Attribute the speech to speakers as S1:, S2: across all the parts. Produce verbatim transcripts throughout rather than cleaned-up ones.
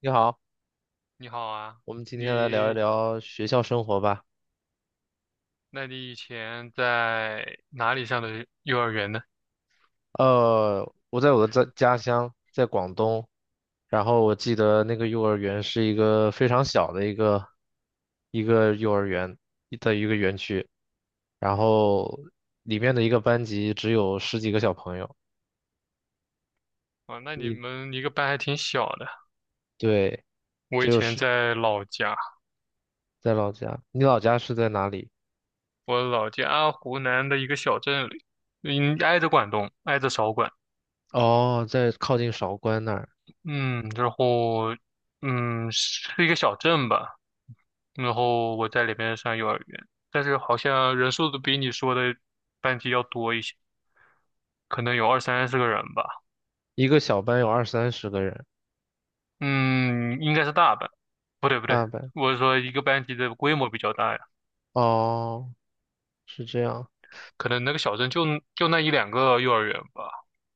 S1: 你好，
S2: 你好啊，
S1: 我们今天来聊一
S2: 你，
S1: 聊学校生活吧。
S2: 那你以前在哪里上的幼儿园呢？
S1: 呃，我在我的家家乡，在广东，然后我记得那个幼儿园是一个非常小的一个一个幼儿园的一个园区，然后里面的一个班级只有十几个小朋友。
S2: 啊，那你
S1: 你
S2: 们一个班还挺小的。
S1: 对，
S2: 我
S1: 只
S2: 以
S1: 有
S2: 前
S1: 十，
S2: 在老家，
S1: 在老家。你老家是在哪里？
S2: 我老家湖南的一个小镇里，嗯，挨着广东，挨着韶关，
S1: 哦，在靠近韶关那儿，
S2: 嗯，然后，嗯，是一个小镇吧。然后我在里边上幼儿园，但是好像人数都比你说的班级要多一些，可能有二三十个人吧。
S1: 一个小班有二三十个人，
S2: 嗯，应该是大班，不对不对，
S1: 大班。
S2: 我是说一个班级的规模比较大呀。
S1: 哦，是这样。
S2: 可能那个小镇就就那一两个幼儿园吧，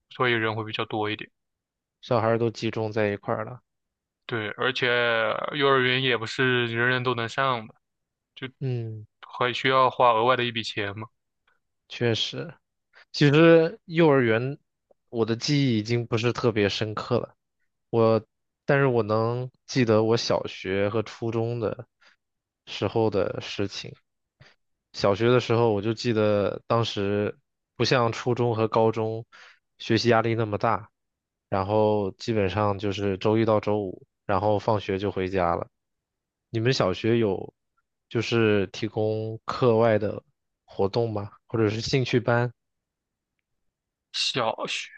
S2: 所以人会比较多一点。
S1: 小孩儿都集中在一块儿了。
S2: 对，而且幼儿园也不是人人都能上的，就
S1: 嗯，
S2: 还需要花额外的一笔钱嘛。
S1: 确实，其实幼儿园我的记忆已经不是特别深刻了，我，但是我能记得我小学和初中的时候的事情。小学的时候，我就记得当时不像初中和高中学习压力那么大，然后基本上就是周一到周五，然后放学就回家了。你们小学有就是提供课外的活动吗？或者是兴趣班？
S2: 小学，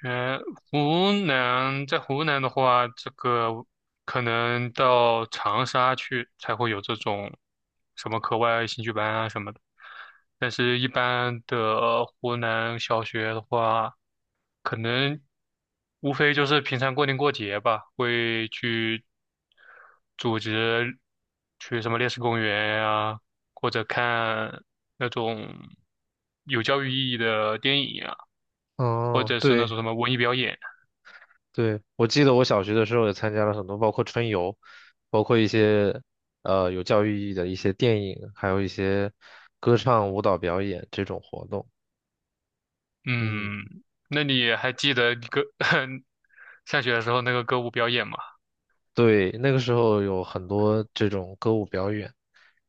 S2: 湖南，在湖南的话，这个可能到长沙去才会有这种什么课外兴趣班啊什么的。但是，一般的湖南小学的话，可能无非就是平常过年过节吧，会去组织去什么烈士公园呀、或者看那种有教育意义的电影呀、或
S1: 哦，
S2: 者是那
S1: 对
S2: 种什么文艺表演。
S1: 对，我记得我小学的时候也参加了很多，包括春游，包括一些呃有教育意义的一些电影，还有一些歌唱、舞蹈表演这种活动。
S2: 嗯，
S1: 嗯，
S2: 那你还记得你歌 上学的时候那个歌舞表演吗？
S1: 对，那个时候有很多这种歌舞表演，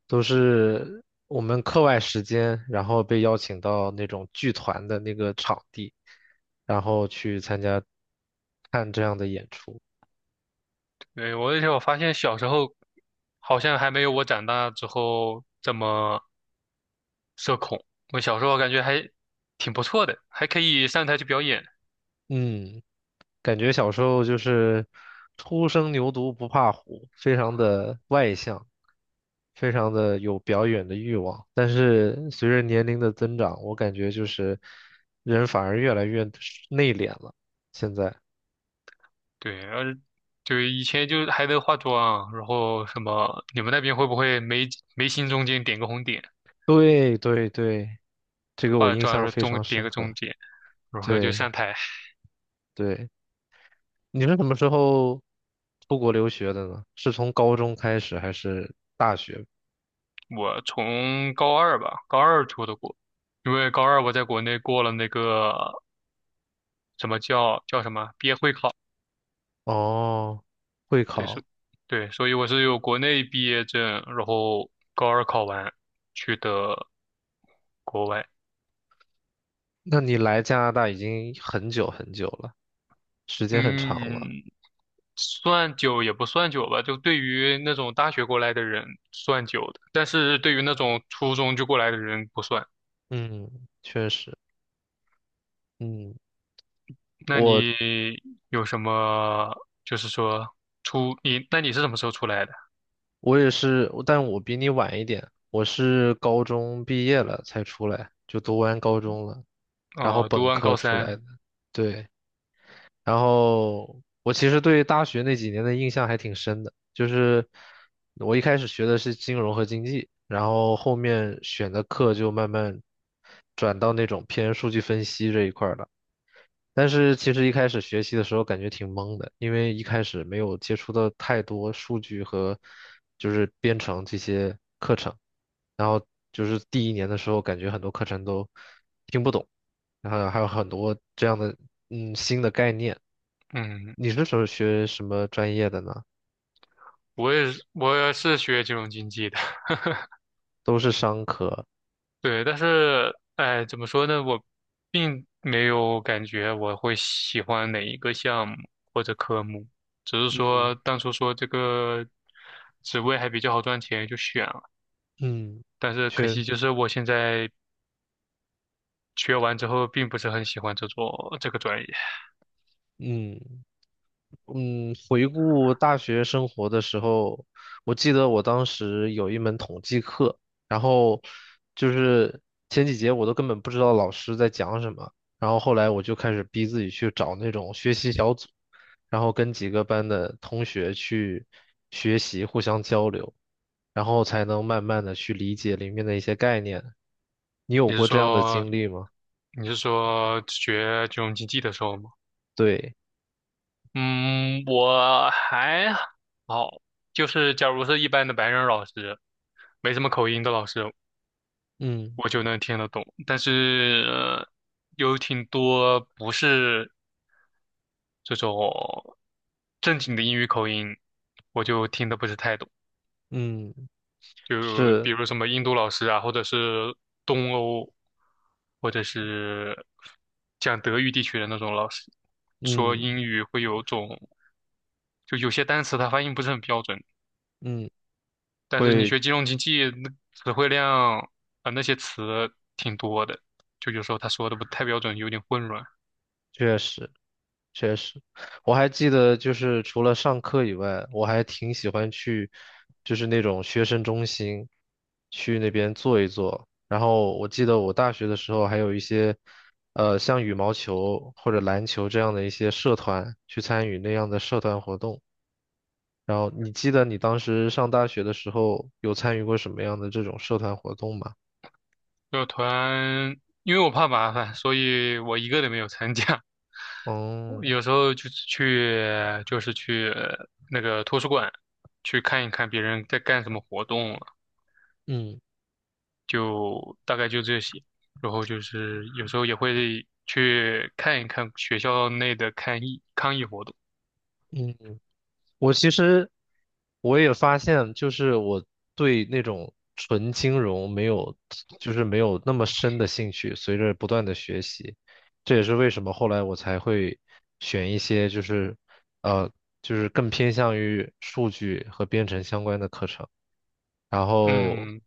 S1: 都是我们课外时间，然后被邀请到那种剧团的那个场地，然后去参加看这样的演出。
S2: 对，我而且我发现小时候好像还没有我长大之后这么社恐。我小时候感觉还挺不错的，还可以上台去表演。
S1: 嗯。感觉小时候就是初生牛犊不怕虎，非常的外向，非常的有表演的欲望。但是随着年龄的增长，我感觉就是人反而越来越内敛了。现在，
S2: 对，而对以前就还能化妆，然后什么，你们那边会不会眉眉心中间点个红点，
S1: 对对对，这个
S2: 化
S1: 我
S2: 了
S1: 印
S2: 妆的时
S1: 象
S2: 候
S1: 非
S2: 中
S1: 常
S2: 点
S1: 深
S2: 个中
S1: 刻。
S2: 间，然后就
S1: 对
S2: 上台？
S1: 对，你是什么时候出国留学的呢？是从高中开始还是大学？
S2: 我从高二吧，高二出的国，因为高二我在国内过了那个什么叫叫什么毕业会考，
S1: 哦，会
S2: 对，
S1: 考。
S2: 是，对，所以我是有国内毕业证，然后高二考完去的国外。
S1: 那你来加拿大已经很久很久了，时间很长了。
S2: 嗯，算久也不算久吧，就对于那种大学过来的人算久的，但是对于那种初中就过来的人不算。
S1: 嗯，确实。嗯，
S2: 那
S1: 我
S2: 你有什么，就是说出你，那你是什么时候出来的？
S1: 我也是，但我比你晚一点，我是高中毕业了才出来，就读完高中了，然后
S2: 啊，读
S1: 本
S2: 完
S1: 科
S2: 高
S1: 出来
S2: 三，
S1: 的。对，然后我其实对大学那几年的印象还挺深的，就是我一开始学的是金融和经济，然后后面选的课就慢慢转到那种偏数据分析这一块儿了。但是其实一开始学习的时候感觉挺懵的，因为一开始没有接触到太多数据和就是编程这些课程，然后就是第一年的时候感觉很多课程都听不懂，然后还有很多这样的嗯新的概念。
S2: 嗯，
S1: 你是什么学什么专业的呢？
S2: 我也是，我也是学金融经济的，
S1: 都是商科，
S2: 对，但是，哎，怎么说呢，我并没有感觉我会喜欢哪一个项目或者科目，只是
S1: 嗯。
S2: 说当初说这个职位还比较好赚钱，就选了，
S1: 嗯，
S2: 但是可
S1: 确，
S2: 惜就是我现在学完之后，并不是很喜欢这做这个专业。
S1: 嗯。嗯，回顾大学生活的时候，我记得我当时有一门统计课，然后就是前几节我都根本不知道老师在讲什么，然后后来我就开始逼自己去找那种学习小组，然后跟几个班的同学去学习，互相交流，然后才能慢慢的去理解里面的一些概念。你
S2: 你
S1: 有
S2: 是
S1: 过这样的
S2: 说
S1: 经历吗？
S2: 你是说学金融经济的时候吗？
S1: 对，
S2: 嗯，我还好，就是假如是一般的白人老师，没什么口音的老师，
S1: 嗯
S2: 我就能听得懂。但是，呃有挺多不是这种正经的英语口音，我就听得不是太懂。
S1: 嗯，
S2: 就比
S1: 是，
S2: 如什么印度老师啊，或者是东欧，或者是讲德语地区的那种老师，说
S1: 嗯
S2: 英语会有种，就有些单词它发音不是很标准。
S1: 嗯。
S2: 但是你
S1: 会。
S2: 学金融经济，那词汇量啊，呃那些词挺多的，就有时候他说的不太标准，有点混乱。
S1: 确实，确实，我还记得，就是除了上课以外，我还挺喜欢去，就是那种学生中心，去那边坐一坐。然后我记得我大学的时候还有一些，呃，像羽毛球或者篮球这样的一些社团，去参与那样的社团活动。然后你记得你当时上大学的时候有参与过什么样的这种社团活动吗？
S2: 社团，因为我怕麻烦，所以我一个都没有参加。我
S1: 哦，
S2: 有时候就是去，就是去，那个图书馆去看一看别人在干什么活动了，
S1: 嗯
S2: 就大概就这些。然后就是有时候也会去看一看学校内的抗议抗议活动。
S1: 嗯。我其实我也发现，就是我对那种纯金融没有，就是没有那么深的兴趣。随着不断的学习，这也是为什么后来我才会选一些就是呃就是更偏向于数据和编程相关的课程。然后
S2: 嗯。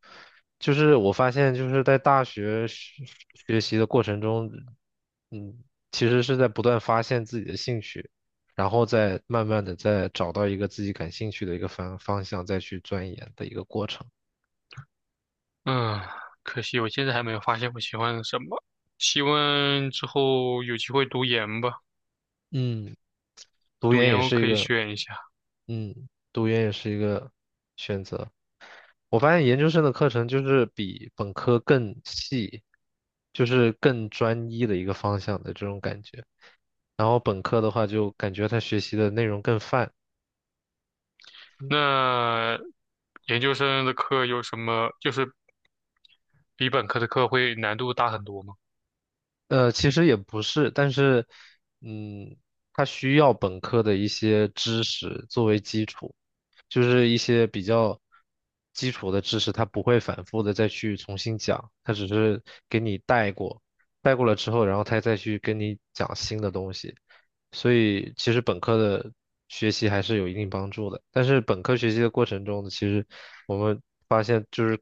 S1: 就是我发现，就是在大学学学习的过程中，嗯，其实是在不断发现自己的兴趣，然后再慢慢的再找到一个自己感兴趣的一个方方向，再去钻研的一个过程。
S2: 嗯，可惜我现在还没有发现我喜欢什么。希望之后有机会读研吧，
S1: 嗯，读
S2: 读
S1: 研
S2: 研
S1: 也
S2: 我
S1: 是
S2: 可
S1: 一
S2: 以
S1: 个，
S2: 选一下。
S1: 嗯，读研也是一个选择。我发现研究生的课程就是比本科更细，就是更专一的一个方向的这种感觉。然后本科的话，就感觉他学习的内容更泛。
S2: 那研究生的课有什么，就是比本科的课会难度大很多吗？
S1: 呃，其实也不是，但是，嗯，他需要本科的一些知识作为基础，就是一些比较基础的知识，他不会反复的再去重新讲，他只是给你带过，带过了之后，然后他再去跟你讲新的东西，所以其实本科的学习还是有一定帮助的，但是本科学习的过程中呢，其实我们发现就是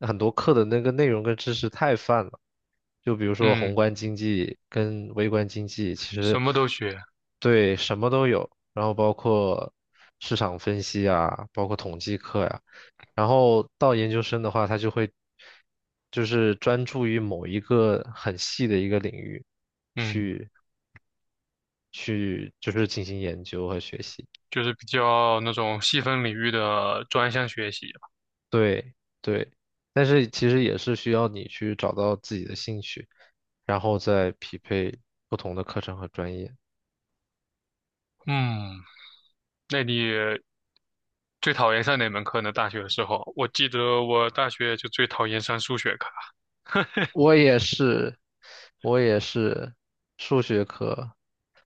S1: 很多课的那个内容跟知识太泛了。就比如说宏
S2: 嗯，
S1: 观经济跟微观经济，其实
S2: 什么都学。
S1: 对什么都有，然后包括市场分析啊，包括统计课呀、然后到研究生的话，他就会就是专注于某一个很细的一个领域
S2: 嗯，
S1: 去去就是进行研究和学习。
S2: 就是比较那种细分领域的专项学习。
S1: 对对，但是其实也是需要你去找到自己的兴趣，然后再匹配不同的课程和专业。
S2: 嗯，那你最讨厌上哪门课呢？大学的时候，我记得我大学就最讨厌上数学课。
S1: 我也是，我也是数学科。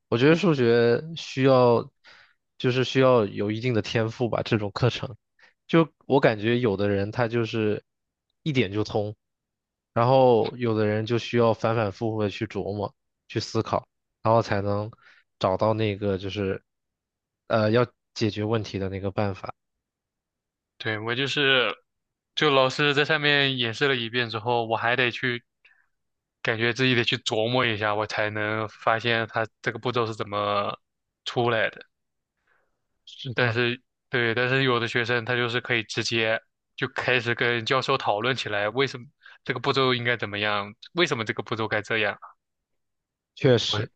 S1: 我觉得数学需要，就是需要有一定的天赋吧，这种课程。就我感觉有的人他就是一点就通，然后有的人就需要反反复复的去琢磨、去思考，然后才能找到那个就是呃要解决问题的那个办法。
S2: 对，我就是，就老师在上面演示了一遍之后，我还得去，感觉自己得去琢磨一下，我才能发现他这个步骤是怎么出来的。
S1: 是
S2: 但
S1: 的，
S2: 是，对，但是有的学生他就是可以直接就开始跟教授讨论起来，为什么这个步骤应该怎么样，为什么这个步骤该这样。
S1: 确
S2: 我
S1: 实，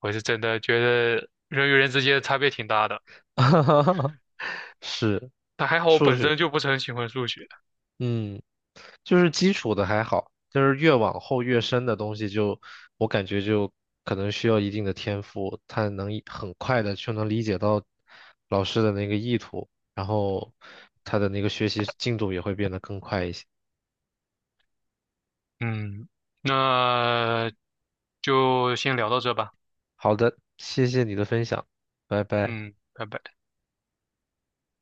S2: 我是真的觉得人与人之间的差别挺大的，
S1: 是
S2: 但还好我
S1: 数
S2: 本
S1: 学。
S2: 身就不是很喜欢数学。
S1: 嗯，就是基础的还好，就是越往后越深的东西就，我感觉就可能需要一定的天赋，他能一很快的就能理解到老师的那个意图，然后他的那个学习进度也会变得更快一些。
S2: 嗯，那就先聊到这吧。
S1: 好的，谢谢你的分享，拜拜。
S2: 嗯，拜拜。